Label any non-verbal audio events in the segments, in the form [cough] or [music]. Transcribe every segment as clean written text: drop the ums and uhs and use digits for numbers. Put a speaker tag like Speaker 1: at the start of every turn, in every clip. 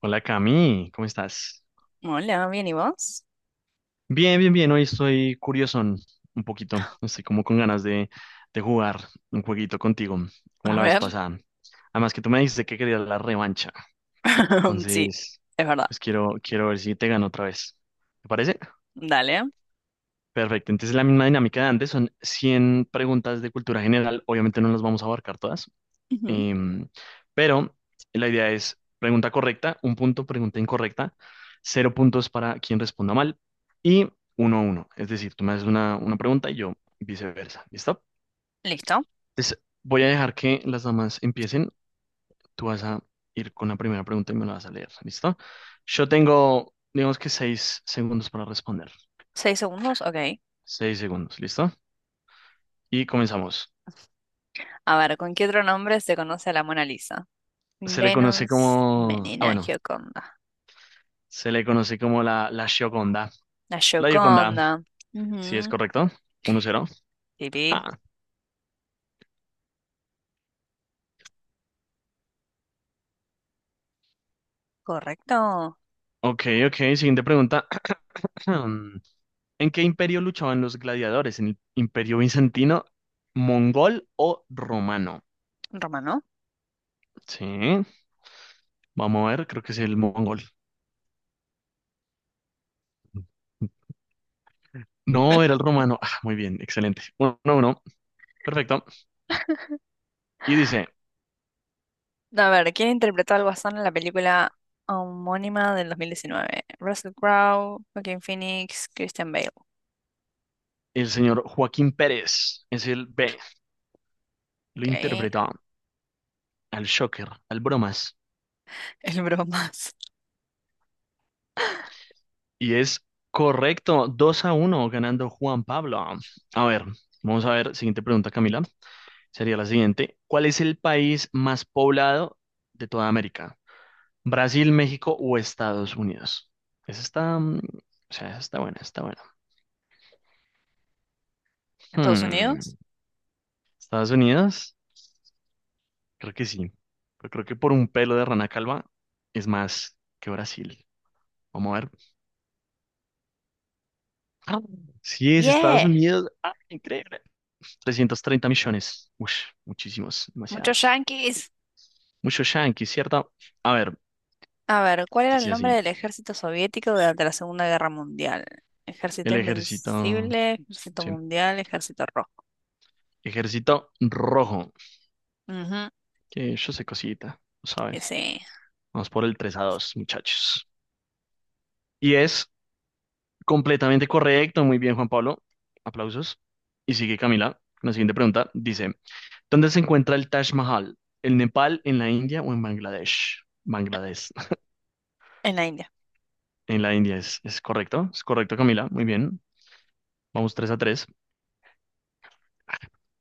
Speaker 1: Hola Cami, ¿cómo estás?
Speaker 2: Hola, bien, ¿y vos?
Speaker 1: Bien, bien, bien, hoy estoy curiosón un poquito, estoy como con ganas de jugar un jueguito contigo, como
Speaker 2: A
Speaker 1: la vez
Speaker 2: ver.
Speaker 1: pasada. Además que tú me dijiste que querías la revancha,
Speaker 2: [laughs] Sí,
Speaker 1: entonces
Speaker 2: es verdad.
Speaker 1: pues quiero ver si te gano otra vez. ¿Te parece?
Speaker 2: Dale.
Speaker 1: Perfecto, entonces la misma dinámica de antes, son 100 preguntas de cultura general, obviamente no las vamos a abarcar todas.
Speaker 2: Ujú.
Speaker 1: Em, pero la idea es pregunta correcta, un punto, pregunta incorrecta, cero puntos para quien responda mal y uno a uno. Es decir, tú me haces una pregunta y yo viceversa. ¿Listo?
Speaker 2: Listo.
Speaker 1: Entonces, voy a dejar que las damas empiecen. Tú vas a ir con la primera pregunta y me la vas a leer. ¿Listo? Yo tengo, digamos que 6 segundos para responder.
Speaker 2: ¿Seis segundos? Ok.
Speaker 1: 6 segundos, ¿listo? Y comenzamos.
Speaker 2: A ver, ¿con qué otro nombre se conoce a la Mona Lisa?
Speaker 1: Se le conoce
Speaker 2: Venus,
Speaker 1: como, ah,
Speaker 2: Menina,
Speaker 1: bueno,
Speaker 2: Gioconda.
Speaker 1: se le conoce como la Gioconda.
Speaker 2: La
Speaker 1: La Gioconda.
Speaker 2: Gioconda.
Speaker 1: Sí, es
Speaker 2: Ujú.
Speaker 1: correcto. Uno cero.
Speaker 2: Pipí.
Speaker 1: Ah,
Speaker 2: Correcto.
Speaker 1: ok, ok. Siguiente pregunta. [clears throat] ¿En qué imperio luchaban los gladiadores? ¿En el imperio bizantino, mongol o romano?
Speaker 2: Romano.
Speaker 1: Sí, vamos a ver. Creo que es el mongol. No, era el romano. Ah, muy bien, excelente. Uno, uno, perfecto.
Speaker 2: [laughs]
Speaker 1: Y dice,
Speaker 2: A ver, ¿quién interpretó al Guasón en la película homónima del 2019? Russell Crowe, Joaquin Phoenix, Christian Bale.
Speaker 1: el señor Joaquín Pérez es el B. Lo
Speaker 2: Ok.
Speaker 1: interpreta
Speaker 2: [laughs]
Speaker 1: al Shocker, al Bromas.
Speaker 2: El bromas.
Speaker 1: Y es correcto, 2 a uno ganando Juan Pablo. A ver, vamos a ver, siguiente pregunta, Camila. Sería la siguiente. ¿Cuál es el país más poblado de toda América? ¿Brasil, México o Estados Unidos? Esa está, mm, o sea, esa está buena, está buena.
Speaker 2: ¿Estados
Speaker 1: Hmm,
Speaker 2: Unidos?
Speaker 1: ¿Estados Unidos? Creo que sí. Pero creo que por un pelo de rana calva es más que Brasil. Vamos a ver. ¡Ah! Sí, es Estados
Speaker 2: Yeah.
Speaker 1: Unidos. ¡Ah, increíble! 330 millones. Ush, muchísimos,
Speaker 2: Muchos
Speaker 1: demasiados.
Speaker 2: yanquis.
Speaker 1: Mucho yankee, ¿cierto? A ver,
Speaker 2: A ver, ¿cuál era el
Speaker 1: dice así.
Speaker 2: nombre del ejército soviético durante la Segunda Guerra Mundial? Ejército
Speaker 1: El ejército.
Speaker 2: Invencible, Ejército
Speaker 1: Sí.
Speaker 2: Mundial, Ejército Rojo.
Speaker 1: Ejército rojo.
Speaker 2: Ujú,
Speaker 1: Que yo sé cosita, lo saben.
Speaker 2: ese,
Speaker 1: Vamos por el 3 a 2, muchachos. Y es completamente correcto. Muy bien, Juan Pablo. Aplausos. Y sigue Camila. La siguiente pregunta dice: ¿Dónde se encuentra el Taj Mahal? ¿En Nepal, en la India o en Bangladesh? Bangladesh. [laughs]
Speaker 2: en la India.
Speaker 1: En la India es correcto. Es correcto, Camila. Muy bien. Vamos 3 a 3.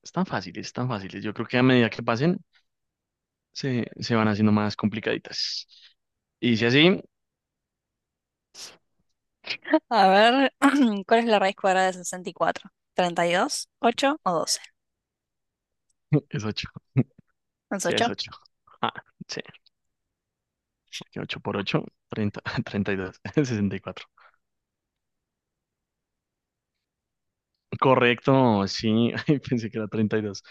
Speaker 1: Es tan fáciles, tan fáciles. Yo creo que a medida que pasen, se van haciendo más complicaditas. Y si así,
Speaker 2: A ver, [clears throat] ¿cuál es la raíz cuadrada de 64? Treinta y dos, ocho o 12.
Speaker 1: [laughs] es ocho.
Speaker 2: ¿Es
Speaker 1: Sí, es
Speaker 2: ocho?
Speaker 1: 8. Ah, sí, 8 por ocho, treinta, [laughs] 32, [laughs] 64. Correcto, sí, [laughs] ay, pensé que era 32.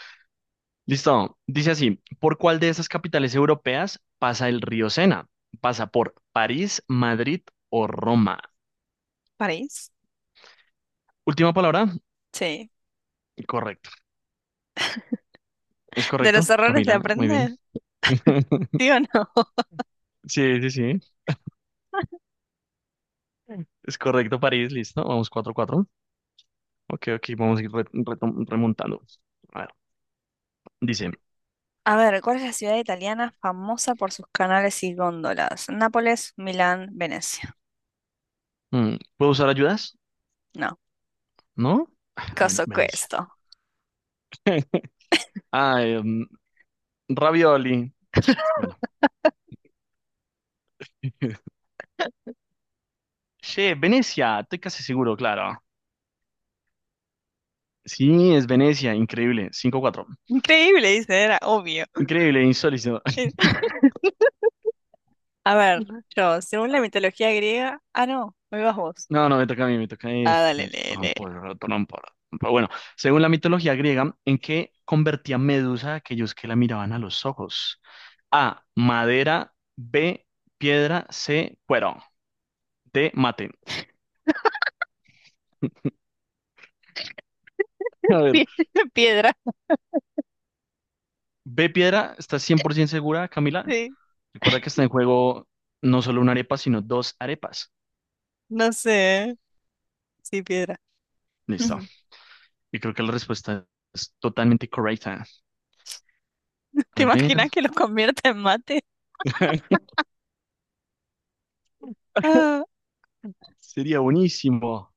Speaker 1: Listo, dice así, ¿por cuál de esas capitales europeas pasa el río Sena? ¿Pasa por París, Madrid o Roma?
Speaker 2: ¿París?
Speaker 1: Última palabra,
Speaker 2: Sí.
Speaker 1: correcto. ¿Es
Speaker 2: ¿De los
Speaker 1: correcto,
Speaker 2: errores se
Speaker 1: Camila? Muy bien.
Speaker 2: aprende? ¿Sí
Speaker 1: [laughs]
Speaker 2: o no?
Speaker 1: Sí, sí, sí. Es correcto, París, listo. Vamos 4 cuatro. Ok, ok, vamos a ir re- retom- remontando. A ver, dice,
Speaker 2: A ver, ¿cuál es la ciudad italiana famosa por sus canales y góndolas? Nápoles, Milán, Venecia.
Speaker 1: mm, ¿puedo usar ayudas?
Speaker 2: No,
Speaker 1: ¿No? [sighs] Ah, bueno,
Speaker 2: caso
Speaker 1: Venecia.
Speaker 2: questo.
Speaker 1: [laughs] Ah, ravioli. Bueno. [laughs] Che, Venecia, estoy casi seguro, claro. Sí, es Venecia, increíble. Cinco cuatro.
Speaker 2: Increíble, dice, era obvio.
Speaker 1: Increíble, insólito. [laughs]
Speaker 2: [laughs] A ver, yo, según la mitología griega. Ah, no, me vas vos.
Speaker 1: No, no, me toca a mí, me toca a mí.
Speaker 2: Ah, dale, lee, lee.
Speaker 1: Trompo, trompo. Pero bueno, según la mitología griega, ¿en qué convertía Medusa a aquellos que la miraban a los ojos? A, madera, B, piedra, C, cuero. Te maten. [laughs] A ver,
Speaker 2: Pie- [laughs] Piedra,
Speaker 1: B piedra, ¿estás 100% segura, Camila?
Speaker 2: sí.
Speaker 1: Recuerda que está en juego no solo una arepa, sino dos arepas.
Speaker 2: No sé. Sí, piedra.
Speaker 1: Listo.
Speaker 2: Ujú.
Speaker 1: Y creo que la respuesta es totalmente correcta.
Speaker 2: [laughs] ¿Te
Speaker 1: A ver,
Speaker 2: imaginas que los convierta en mate?
Speaker 1: [laughs]
Speaker 2: Ah,
Speaker 1: sería buenísimo.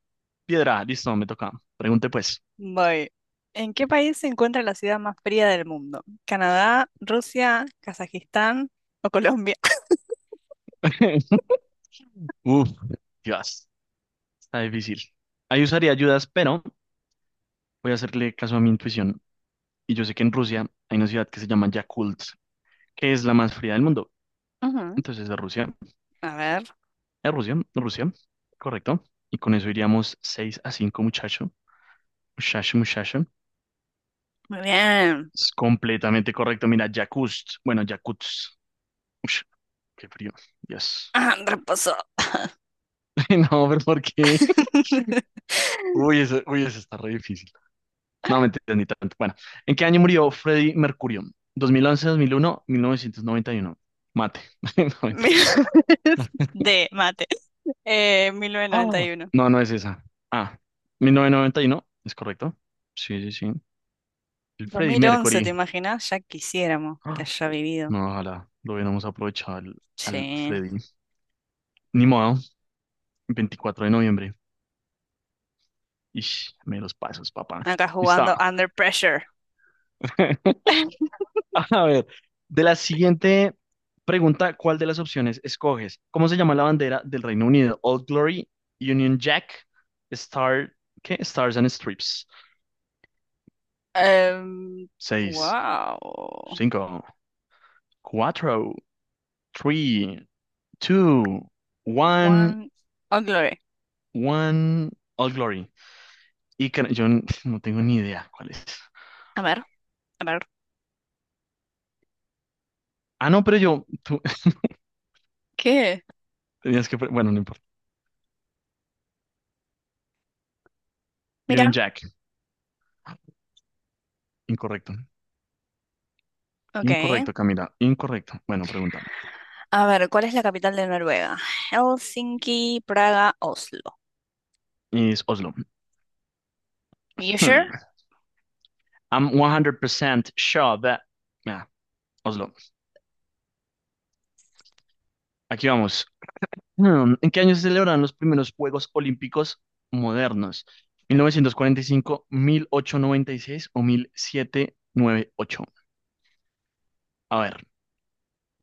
Speaker 1: Piedra, listo, me toca. Pregunte pues.
Speaker 2: voy. ¿En qué país se encuentra la ciudad más fría del mundo? ¿Canadá, Rusia, Kazajistán o Colombia? [laughs]
Speaker 1: [laughs] Uf, Dios, está difícil. Ahí usaría ayudas, pero voy a hacerle caso a mi intuición. Y yo sé que en Rusia hay una ciudad que se llama Yakult, que es la más fría del mundo.
Speaker 2: Ujú.
Speaker 1: Entonces, de Rusia.
Speaker 2: A ver.
Speaker 1: A Rusia, a Rusia, correcto. Y con eso iríamos 6 a 5 muchacho. Muchacho, muchacho.
Speaker 2: Muy bien.
Speaker 1: Es completamente correcto. Mira, Yakutsk. Bueno, Yakutsk. Ush, qué frío. Dios.
Speaker 2: Ah, reposo.
Speaker 1: [laughs] No, pero ¿por qué? [laughs]
Speaker 2: [laughs]
Speaker 1: Uy, eso está re difícil. No, me ni tanto. Bueno, ¿en qué año murió Freddie Mercurio? 2011, 2001, 1991. Mate. [laughs]
Speaker 2: mil-
Speaker 1: No, mentiras.
Speaker 2: [laughs] de mate. Mil novecientos noventa
Speaker 1: Ah,
Speaker 2: y uno.
Speaker 1: no, no es esa. Ah, 1991, es correcto. Sí, sí, sí. El
Speaker 2: dos
Speaker 1: Freddie
Speaker 2: mil once ¿te
Speaker 1: Mercury.
Speaker 2: imaginas? Ya quisiéramos que haya vivido.
Speaker 1: No, ojalá lo hubiéramos aprovechado al
Speaker 2: Sí.
Speaker 1: Freddy. Ni modo, 24 de noviembre. Ish, me los pasos, papá.
Speaker 2: Acá
Speaker 1: Listo.
Speaker 2: jugando Under Pressure.
Speaker 1: [laughs]
Speaker 2: [laughs]
Speaker 1: A ver, de la siguiente pregunta, ¿cuál de las opciones escoges? ¿Cómo se llama la bandera del Reino Unido? Old Glory, Union Jack, Star, ¿qué? Stars and Strips.
Speaker 2: Em,
Speaker 1: Seis,
Speaker 2: wow.
Speaker 1: cinco, cuatro, tres, dos, one,
Speaker 2: One. Oh, Glory.
Speaker 1: one, Old Glory. Y can- yo n- [laughs] no tengo ni idea cuál es.
Speaker 2: A ver, a ver.
Speaker 1: Ah, no, pero yo, tú [laughs]
Speaker 2: ¿Qué?
Speaker 1: tenías que, pre- bueno, no importa. Union
Speaker 2: Mira.
Speaker 1: Jack, incorrecto.
Speaker 2: Ok.
Speaker 1: Incorrecto, Camila, incorrecto. Bueno, pregunta.
Speaker 2: A ver, ¿cuál es la capital de Noruega? Helsinki, Praga, Oslo.
Speaker 1: Es Oslo.
Speaker 2: You sure?
Speaker 1: Hmm. I'm one hundred percent sure that... Ah, Oslo. Aquí vamos. Hmm, ¿en qué año se celebraron los primeros Juegos Olímpicos modernos? Mil novecientos cuarenta y cinco, mil ochocientos noventa y seis o 1798. A ver,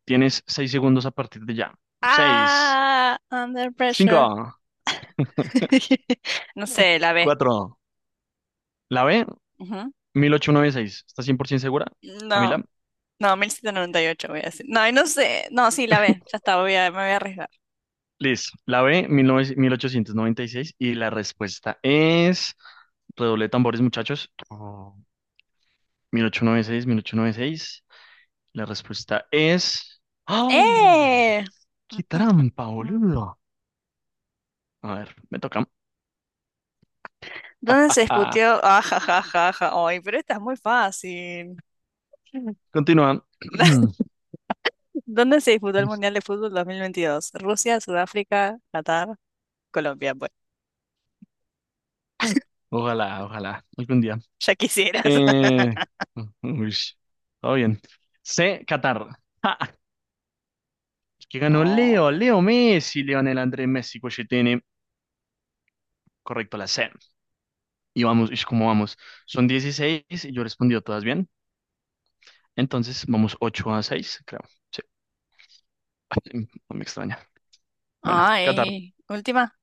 Speaker 1: tienes 6 segundos a partir de ya. Seis,
Speaker 2: Ah, Under
Speaker 1: cinco,
Speaker 2: Pressure. [laughs] No sé, la B.
Speaker 1: cuatro. ¿La B?
Speaker 2: Ujú.
Speaker 1: 1896. ¿Por 100% segura,
Speaker 2: No.
Speaker 1: Camila?
Speaker 2: No, 1798 voy a decir. No, y no sé. No, sí, la B. Ya está, voy a, me voy a arriesgar.
Speaker 1: Liz, la B, 19 1896. Y seis. Y la respuesta es... Redoble de tambores, muchachos. Oh, 1896, 1896. La respuesta es... ¡Ah!
Speaker 2: ¡Eh! Mm,
Speaker 1: ¡Qué trampa,
Speaker 2: mm, mm.
Speaker 1: boludo! A ver, me toca.
Speaker 2: ¿Dónde se
Speaker 1: Ah,
Speaker 2: disputó? Ah, ja, ja, ja, ja. Ay, pero esta es muy fácil.
Speaker 1: continúa.
Speaker 2: [laughs]
Speaker 1: [clears throat]
Speaker 2: ¿Dónde se disputó el Mundial de Fútbol 2022? Rusia, Sudáfrica, Qatar, Colombia. Bueno,
Speaker 1: Ojalá, ojalá, algún día.
Speaker 2: ya quisieras. [laughs]
Speaker 1: Eh, uy, todo bien. C, Qatar. [laughs] Que ganó Leo,
Speaker 2: Oh.
Speaker 1: Leo Messi, Leonel Andrés Messi tiene correcto la C. Y vamos, y cómo vamos. Son 16 y yo he respondido todas bien. Entonces vamos 8 a 6, creo. Sí, sí, no me extraña. Bueno, Qatar,
Speaker 2: Ay, última.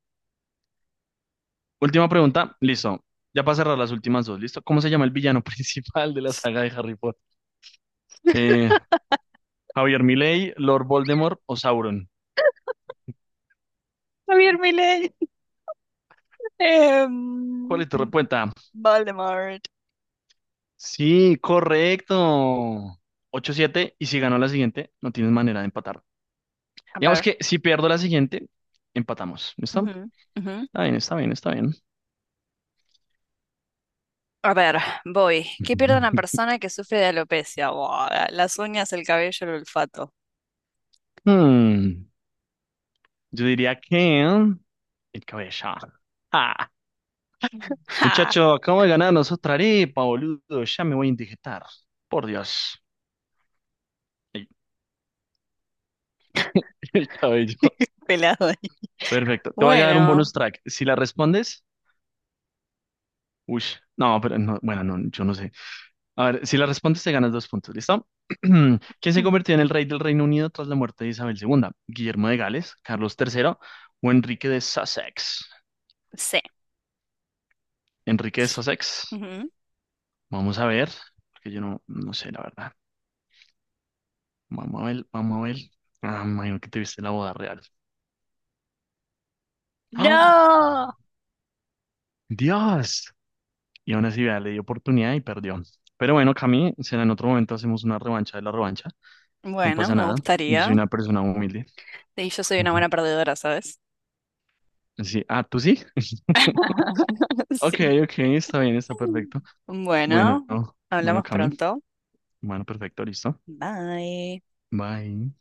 Speaker 1: última pregunta, listo. Ya para cerrar las últimas dos, ¿listo? ¿Cómo se llama el villano [laughs] principal de la saga de Harry Potter? Eh, Javier Milei, Lord Voldemort o Sauron.
Speaker 2: Javier Milei. [laughs] Em,
Speaker 1: ¿Cuál es tu respuesta?
Speaker 2: Voldemort.
Speaker 1: Sí, correcto. Ocho siete y si ganó la siguiente, no tienes manera de empatar.
Speaker 2: A
Speaker 1: Digamos
Speaker 2: ver.
Speaker 1: que si pierdo la siguiente, empatamos. ¿Listo?
Speaker 2: Ujú, ujú.
Speaker 1: Está bien, está bien, está bien.
Speaker 2: A ver, voy. ¿Qué pierde una
Speaker 1: [laughs]
Speaker 2: persona que sufre de alopecia? Buah, las uñas, el cabello, el olfato.
Speaker 1: Hmm, yo diría que el cabeza. Ah,
Speaker 2: ¡Ja!
Speaker 1: muchacho, acabo de ganarnos otra arepa, boludo. Ya me voy a indigestar. Por Dios. Ay, [laughs] el cabello.
Speaker 2: [laughs] Pelado ahí.
Speaker 1: Perfecto. Te voy a dar un
Speaker 2: Bueno,
Speaker 1: bonus track. Si la respondes, uy, no, pero no, bueno, no, yo no sé. A ver, si la respondes te ganas dos puntos, ¿listo? [clears throat] ¿Quién se
Speaker 2: [clears throat]
Speaker 1: convirtió en el rey del Reino Unido tras la muerte de Isabel II? ¿Guillermo de Gales, Carlos III o Enrique de Sussex?
Speaker 2: sí.
Speaker 1: Enrique de Sussex.
Speaker 2: Ujú.
Speaker 1: Vamos a ver, porque yo no, no sé la verdad. Vamos a ver, vamos a ver. Ah, me imagino que te viste la boda real. ¡Ah!
Speaker 2: ¡No!
Speaker 1: ¡Dios! Y aún así, vea, le dio oportunidad y perdió. Pero bueno, Cami, será en otro momento hacemos una revancha de la revancha. No
Speaker 2: Bueno,
Speaker 1: pasa
Speaker 2: me
Speaker 1: nada. Yo
Speaker 2: gustaría.
Speaker 1: soy una persona humilde.
Speaker 2: Y yo soy una
Speaker 1: Ujú.
Speaker 2: buena perdedora, ¿sabes?
Speaker 1: Sí. Ah, ¿tú sí?
Speaker 2: [laughs]
Speaker 1: Ok,
Speaker 2: Sí.
Speaker 1: ok, está bien, está perfecto. Bueno,
Speaker 2: Bueno,
Speaker 1: bueno,
Speaker 2: hablamos
Speaker 1: Cami.
Speaker 2: pronto.
Speaker 1: Bueno, perfecto, listo.
Speaker 2: Bye.
Speaker 1: Bye.